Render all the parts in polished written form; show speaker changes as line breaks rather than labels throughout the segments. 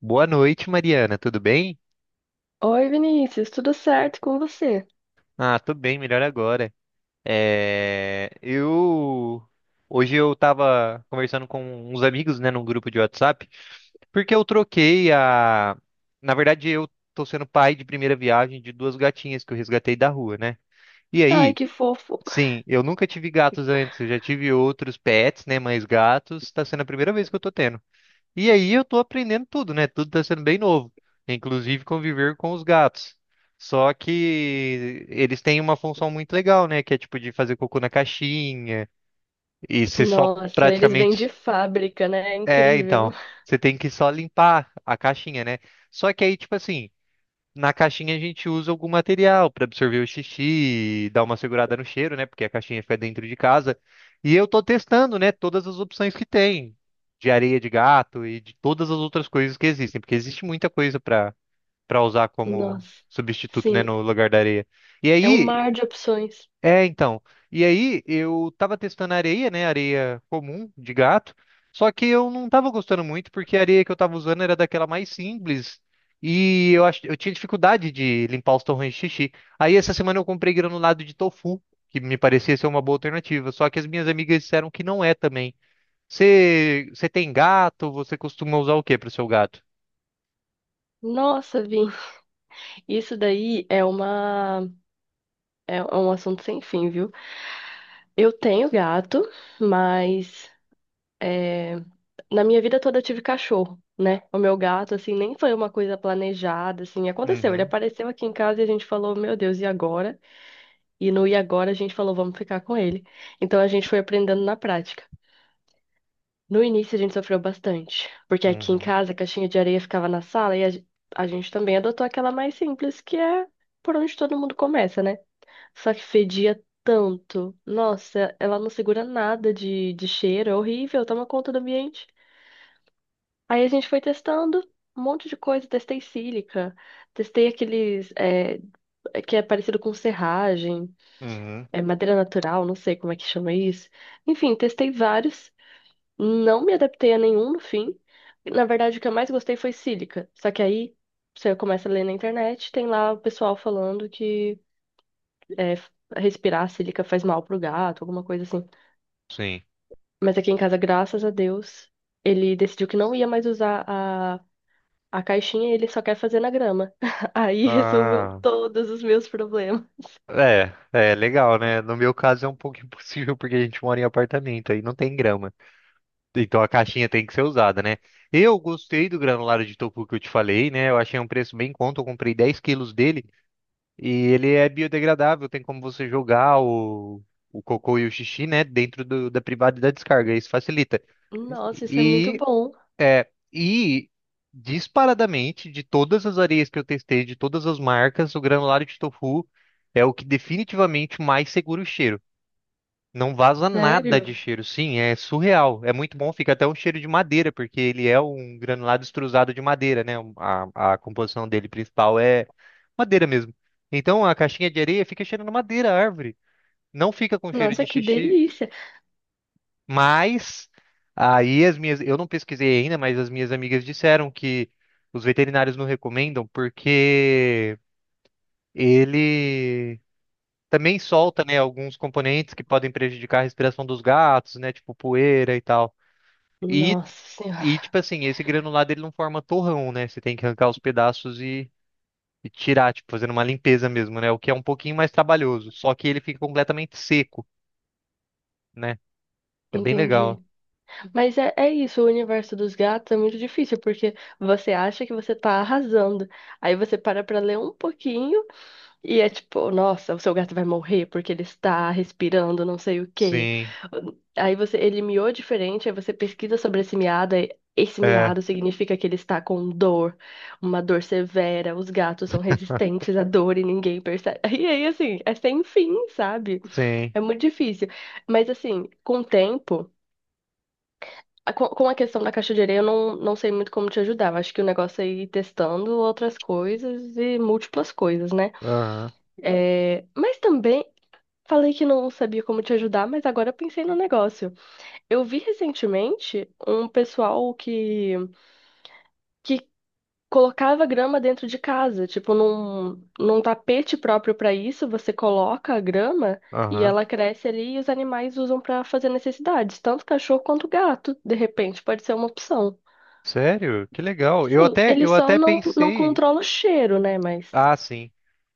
Boa noite, Mariana. Tudo bem?
Oi, Vinícius, tudo certo com você?
Ah, tô bem, melhor agora. É, eu Hoje eu tava conversando com uns amigos, né, num grupo de WhatsApp, porque na verdade eu tô sendo pai de primeira viagem de duas gatinhas que eu resgatei da rua, né? E
Ai,
aí,
que fofo.
sim, eu nunca tive gatos antes, eu já tive outros pets, né, mas gatos tá sendo a primeira vez que eu tô tendo. E aí eu tô aprendendo tudo, né? Tudo tá sendo bem novo, inclusive conviver com os gatos. Só que eles têm uma função muito legal, né? Que é tipo de fazer cocô na caixinha e você só
Nossa, eles vêm de
praticamente
fábrica, né? É
é,
incrível.
então, você tem que só limpar a caixinha, né? Só que aí tipo assim, na caixinha a gente usa algum material para absorver o xixi, dar uma segurada no cheiro, né? Porque a caixinha fica dentro de casa. E eu tô testando, né, todas as opções que tem, de areia de gato e de todas as outras coisas que existem, porque existe muita coisa para usar como
Nossa,
substituto, né,
sim,
no lugar da areia. E
é um
aí
mar de opções.
é, então. E aí, eu tava testando areia, né? Areia comum de gato. Só que eu não tava gostando muito, porque a areia que eu tava usando era daquela mais simples. E eu acho, eu tinha dificuldade de limpar os torrões de xixi. Aí, essa semana, eu comprei granulado de tofu, que me parecia ser uma boa alternativa. Só que as minhas amigas disseram que não é também. Você tem gato? Você costuma usar o que para o seu gato?
Nossa, Vini, isso daí é uma é um assunto sem fim, viu? Eu tenho gato, mas é, na minha vida toda eu tive cachorro, né? O meu gato, assim, nem foi uma coisa planejada, assim, aconteceu. Ele
Uhum,
apareceu aqui em casa e a gente falou, meu Deus, e agora? E no E agora a gente falou, vamos ficar com ele. Então a gente foi aprendendo na prática. No início a gente sofreu bastante, porque aqui em
uhum,
casa a caixinha de areia ficava na sala e a gente também adotou aquela mais simples, que é por onde todo mundo começa, né? Só que fedia tanto. Nossa, ela não segura nada de cheiro, é horrível, toma conta do ambiente. Aí a gente foi testando um monte de coisa, testei sílica, testei aqueles que é parecido com serragem.
uhum,
É madeira natural, não sei como é que chama isso. Enfim, testei vários, não me adaptei a nenhum no fim. Na verdade, o que eu mais gostei foi sílica. Só que aí você começa a ler na internet, tem lá o pessoal falando que é, respirar sílica faz mal pro gato, alguma coisa assim.
sim.
Mas aqui em casa, graças a Deus, ele decidiu que não ia mais usar a caixinha e ele só quer fazer na grama. Aí resolveu
Ah,
todos os meus problemas.
é legal, né? No meu caso é um pouco impossível porque a gente mora em apartamento, aí não tem grama. Então a caixinha tem que ser usada, né? Eu gostei do granulado de tofu que eu te falei, né? Eu achei um preço bem em conta, eu comprei 10 quilos dele e ele é biodegradável, tem como você jogar o cocô e o xixi, né, dentro da privada e da descarga, isso facilita.
Nossa, isso é muito
E
bom.
é e disparadamente de todas as areias que eu testei, de todas as marcas, o granulado de tofu é o que definitivamente mais segura o cheiro. Não vaza nada de
Sério?
cheiro. Sim, é surreal. É muito bom, fica até um cheiro de madeira, porque ele é um granulado extrusado de madeira, né? A composição dele principal é madeira mesmo. Então a caixinha de areia fica cheirando madeira, árvore. Não fica com cheiro
Nossa,
de
que
xixi,
delícia!
mas aí eu não pesquisei ainda, mas as minhas amigas disseram que os veterinários não recomendam porque ele também solta, né, alguns componentes que podem prejudicar a respiração dos gatos, né, tipo poeira e tal. E,
Nossa
e
senhora,
tipo assim, esse granulado ele não forma torrão, né? Você tem que arrancar os pedaços e tirar, tipo, fazendo uma limpeza mesmo, né? O que é um pouquinho mais trabalhoso, só que ele fica completamente seco, né? É bem legal.
entendi. Mas é, é isso, o universo dos gatos é muito difícil, porque você acha que você tá arrasando. Aí você para pra ler um pouquinho e é tipo, nossa, o seu gato vai morrer porque ele está respirando não sei o quê.
Sim,
Aí você, ele miou diferente, aí você pesquisa sobre esse miado, aí esse
é,
miado significa que ele está com dor, uma dor severa, os gatos são resistentes à dor e ninguém percebe. E aí, assim, é sem fim, sabe?
sim.
É muito difícil. Mas assim, com o tempo, com a questão da caixa de areia, eu não sei muito como te ajudar. Eu acho que o negócio é ir testando outras coisas e múltiplas coisas, né?
Aham,
É, mas também falei que não sabia como te ajudar, mas agora eu pensei no negócio. Eu vi recentemente um pessoal que colocava grama dentro de casa, tipo num tapete próprio para isso, você coloca a grama e
aham.
ela cresce ali e os animais usam para fazer necessidades, tanto cachorro quanto gato, de repente, pode ser uma opção.
Sério? Que legal. Eu
Sim,
até,
ele
eu
só
até
não
pensei.
controla o cheiro, né? Mas
Ah, sim.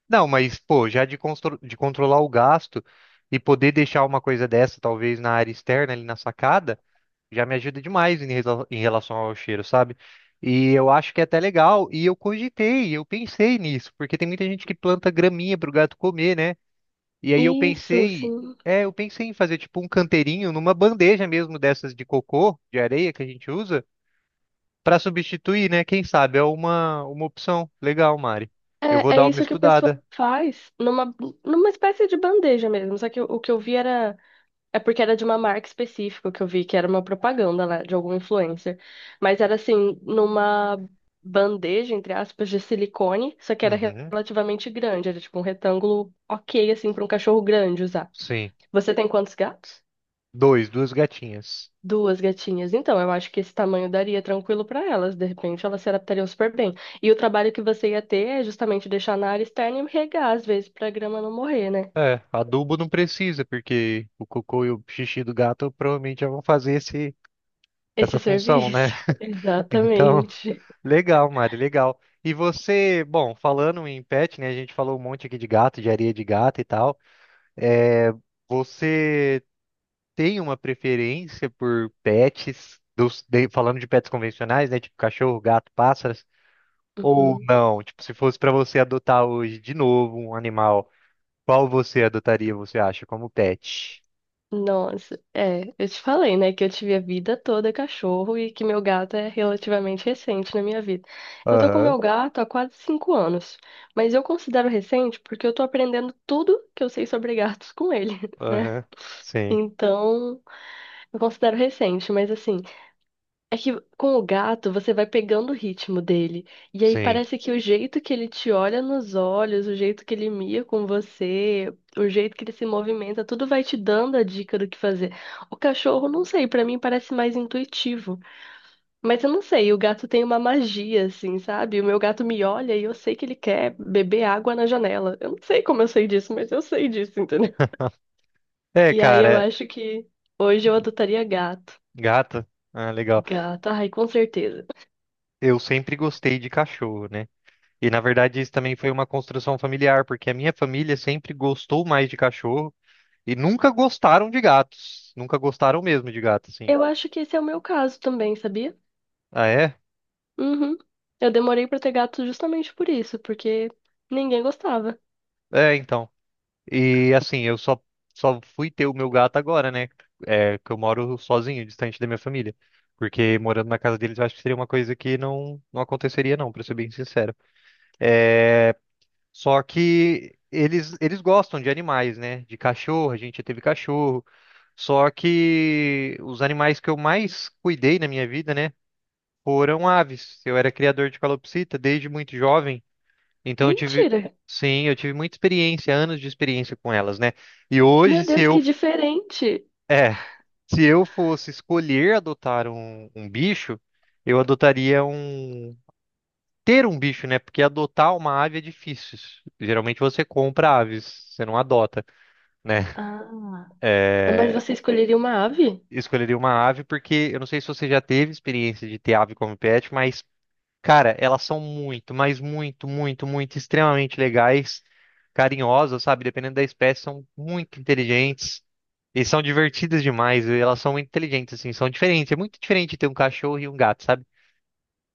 Não, mas, pô, já de controlar o gasto e poder deixar uma coisa dessa, talvez na área externa, ali na sacada, já me ajuda demais em relação ao cheiro, sabe? E eu acho que é até legal. E eu cogitei, eu pensei nisso, porque tem muita gente que planta graminha pro gato comer, né? E aí
isso, sim.
eu pensei em fazer tipo um canteirinho numa bandeja mesmo dessas de cocô, de areia que a gente usa, pra substituir, né? Quem sabe? É uma opção. Legal, Mari. Eu vou
É, é
dar uma
isso que o pessoal
estudada.
faz numa espécie de bandeja mesmo. Só que o que eu vi era... É porque era de uma marca específica que eu vi, que era uma propaganda lá, de algum influencer. Mas era assim, numa bandeja, entre aspas, de silicone, só que era
Uhum.
relativamente grande, era tipo um retângulo ok, assim, para um cachorro grande usar.
Sim.
Você tem quantos gatos?
Dois, duas gatinhas.
Duas gatinhas. Então, eu acho que esse tamanho daria tranquilo para elas, de repente elas se adaptariam super bem. E o trabalho que você ia ter é justamente deixar na área externa e regar, às vezes, para a grama não morrer, né?
É, adubo não precisa, porque o cocô e o xixi do gato provavelmente já vão fazer esse,
Esse
essa função, né?
serviço.
Então,
Exatamente.
legal, Mari, legal. E você, bom, falando em pet, né? A gente falou um monte aqui de gato, de areia de gato e tal. É, você tem uma preferência por pets, falando de pets convencionais, né? Tipo cachorro, gato, pássaros? Ou
Uhum.
não? Tipo, se fosse pra você adotar hoje de novo um animal. Qual você adotaria, você acha, como pet?
Nossa, é, eu te falei, né, que eu tive a vida toda cachorro e que meu gato é relativamente recente na minha vida. Eu tô com
Aham,
meu gato há quase 5 anos, mas eu considero recente porque eu tô aprendendo tudo que eu sei sobre gatos com ele, né?
aham. Sim,
Então, eu considero recente, mas assim, é que com o gato você vai pegando o ritmo dele. E aí
sim.
parece que o jeito que ele te olha nos olhos, o jeito que ele mia com você, o jeito que ele se movimenta, tudo vai te dando a dica do que fazer. O cachorro, não sei, pra mim parece mais intuitivo. Mas eu não sei, o gato tem uma magia, assim, sabe? O meu gato me olha e eu sei que ele quer beber água na janela. Eu não sei como eu sei disso, mas eu sei disso, entendeu?
É,
E aí eu
cara,
acho que hoje eu adotaria gato.
gato. Ah, legal.
Gato, ai, com certeza.
Eu sempre gostei de cachorro, né? E na verdade isso também foi uma construção familiar, porque a minha família sempre gostou mais de cachorro e nunca gostaram de gatos. Nunca gostaram mesmo de gato, assim.
Eu acho que esse é o meu caso também, sabia?
Ah, é?
Uhum. Eu demorei pra ter gato justamente por isso, porque ninguém gostava.
É, então. E assim, eu só fui ter o meu gato agora, né? É, que eu moro sozinho, distante da minha família. Porque morando na casa deles, eu acho que seria uma coisa que não, não aconteceria, não, pra ser bem sincero. É, só que eles gostam de animais, né? De cachorro, a gente já teve cachorro. Só que os animais que eu mais cuidei na minha vida, né? Foram aves. Eu era criador de calopsita desde muito jovem. Então eu tive,
Mentira!
sim, eu tive muita experiência, anos de experiência com elas, né? E hoje,
Meu Deus, que diferente!
é, se eu fosse escolher adotar um, bicho, eu adotaria um, ter um bicho, né? Porque adotar uma ave é difícil. Geralmente você compra aves, você não adota, né?
Ah, mas
É,
você escolheria uma ave?
escolheria uma ave porque eu não sei se você já teve experiência de ter ave como pet, mas cara, elas são muito, mas muito, muito, muito extremamente legais, carinhosas, sabe? Dependendo da espécie, são muito inteligentes e são divertidas demais. E elas são muito inteligentes, assim, são diferentes. É muito diferente ter um cachorro e um gato, sabe?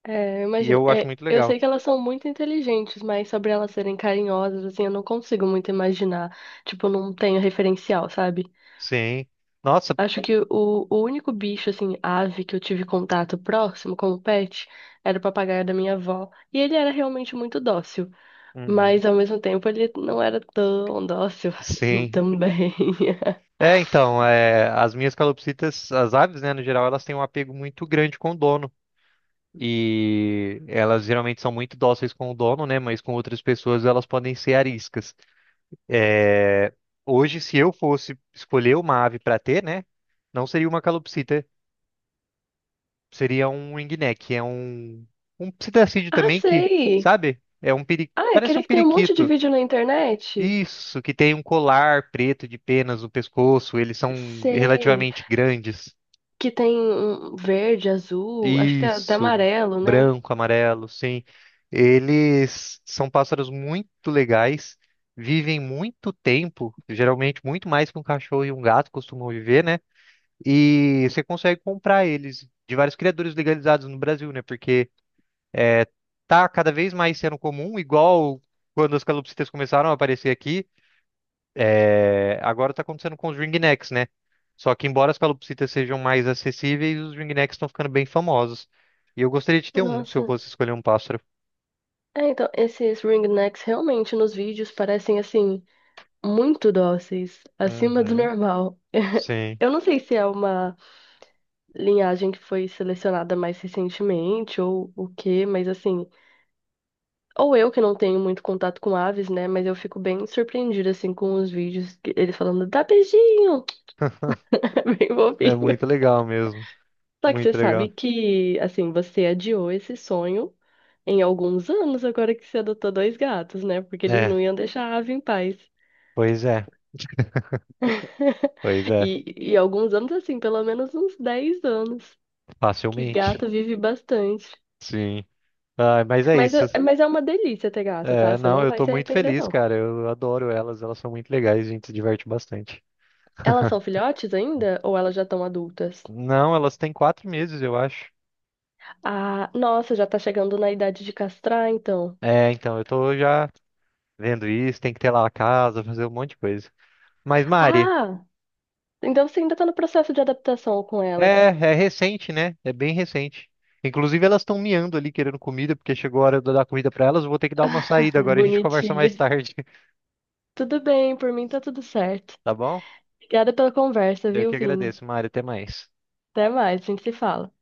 É, eu
E
imagino.
eu acho
É,
muito
eu
legal.
sei que elas são muito inteligentes, mas sobre elas serem carinhosas, assim, eu não consigo muito imaginar. Tipo, eu não tenho referencial, sabe?
Sim. Nossa.
Acho que o único bicho, assim, ave que eu tive contato próximo como pet era o papagaio da minha avó. E ele era realmente muito dócil.
Uhum.
Mas ao mesmo tempo ele não era tão dócil assim
Sim.
também.
É, então, é, as minhas calopsitas, as aves, né, no geral, elas têm um apego muito grande com o dono. E elas geralmente são muito dóceis com o dono, né? Mas com outras pessoas elas podem ser ariscas. É, hoje, se eu fosse escolher uma ave para ter, né? Não seria uma calopsita, seria um ringneck, é um psitacídeo
Ah,
também que,
sei!
sabe?
Ah, é
Parece
aquele
um
que tem um monte de
periquito.
vídeo na internet?
Isso, que tem um colar preto de penas no pescoço, eles são
Sei.
relativamente grandes.
Que tem um verde, azul, acho que tá
Isso,
amarelo, né?
branco, amarelo, sim. Eles são pássaros muito legais, vivem muito tempo, geralmente muito mais que um cachorro e um gato costumam viver, né? E você consegue comprar eles de vários criadores legalizados no Brasil, né? Porque é, tá cada vez mais sendo comum, igual quando as calopsitas começaram a aparecer aqui, é, agora tá acontecendo com os ringnecks, né? Só que embora as calopsitas sejam mais acessíveis, os ringnecks estão ficando bem famosos. E eu gostaria de ter um, se eu
Nossa.
fosse escolher um pássaro.
É, então, esses ringnecks realmente nos vídeos parecem, assim, muito dóceis, acima do
Uhum,
normal.
sim.
Eu não sei se é uma linhagem que foi selecionada mais recentemente ou o quê, mas, assim, ou eu que não tenho muito contato com aves, né? Mas eu fico bem surpreendida, assim, com os vídeos, que eles falando, dá beijinho, é bem
É
bobinho.
muito legal mesmo.
Só que você
Muito
sabe
legal.
que, assim, você adiou esse sonho em alguns anos agora que você adotou dois gatos, né? Porque eles
É,
não iam deixar a ave em paz.
pois é, pois é.
E alguns anos, assim, pelo menos uns 10 anos, que
Facilmente.
gato vive bastante.
Sim. Ah, mas é
Mas,
isso.
mas é uma delícia ter gato, tá?
É,
Você
não,
não
eu
vai
tô
se
muito
arrepender,
feliz,
não.
cara. Eu adoro elas, elas são muito legais, a gente se diverte bastante.
Elas são filhotes ainda ou elas já estão adultas?
Não, elas têm 4 meses, eu acho.
Ah, nossa, já tá chegando na idade de castrar, então.
É, então, eu tô já vendo isso, tem que ter lá a casa, fazer um monte de coisa. Mas, Mari,
Ah, então você ainda tá no processo de adaptação com
é,
elas.
é recente, né? É bem recente. Inclusive, elas estão miando ali querendo comida, porque chegou a hora de eu dar comida pra elas. Eu vou ter que dar uma saída agora, a gente conversa mais
Bonitinha.
tarde,
Tudo bem, por mim tá tudo certo.
tá bom?
Obrigada pela conversa,
Eu
viu,
que
Vini?
agradeço, Mari, até mais.
Até mais, a gente se fala.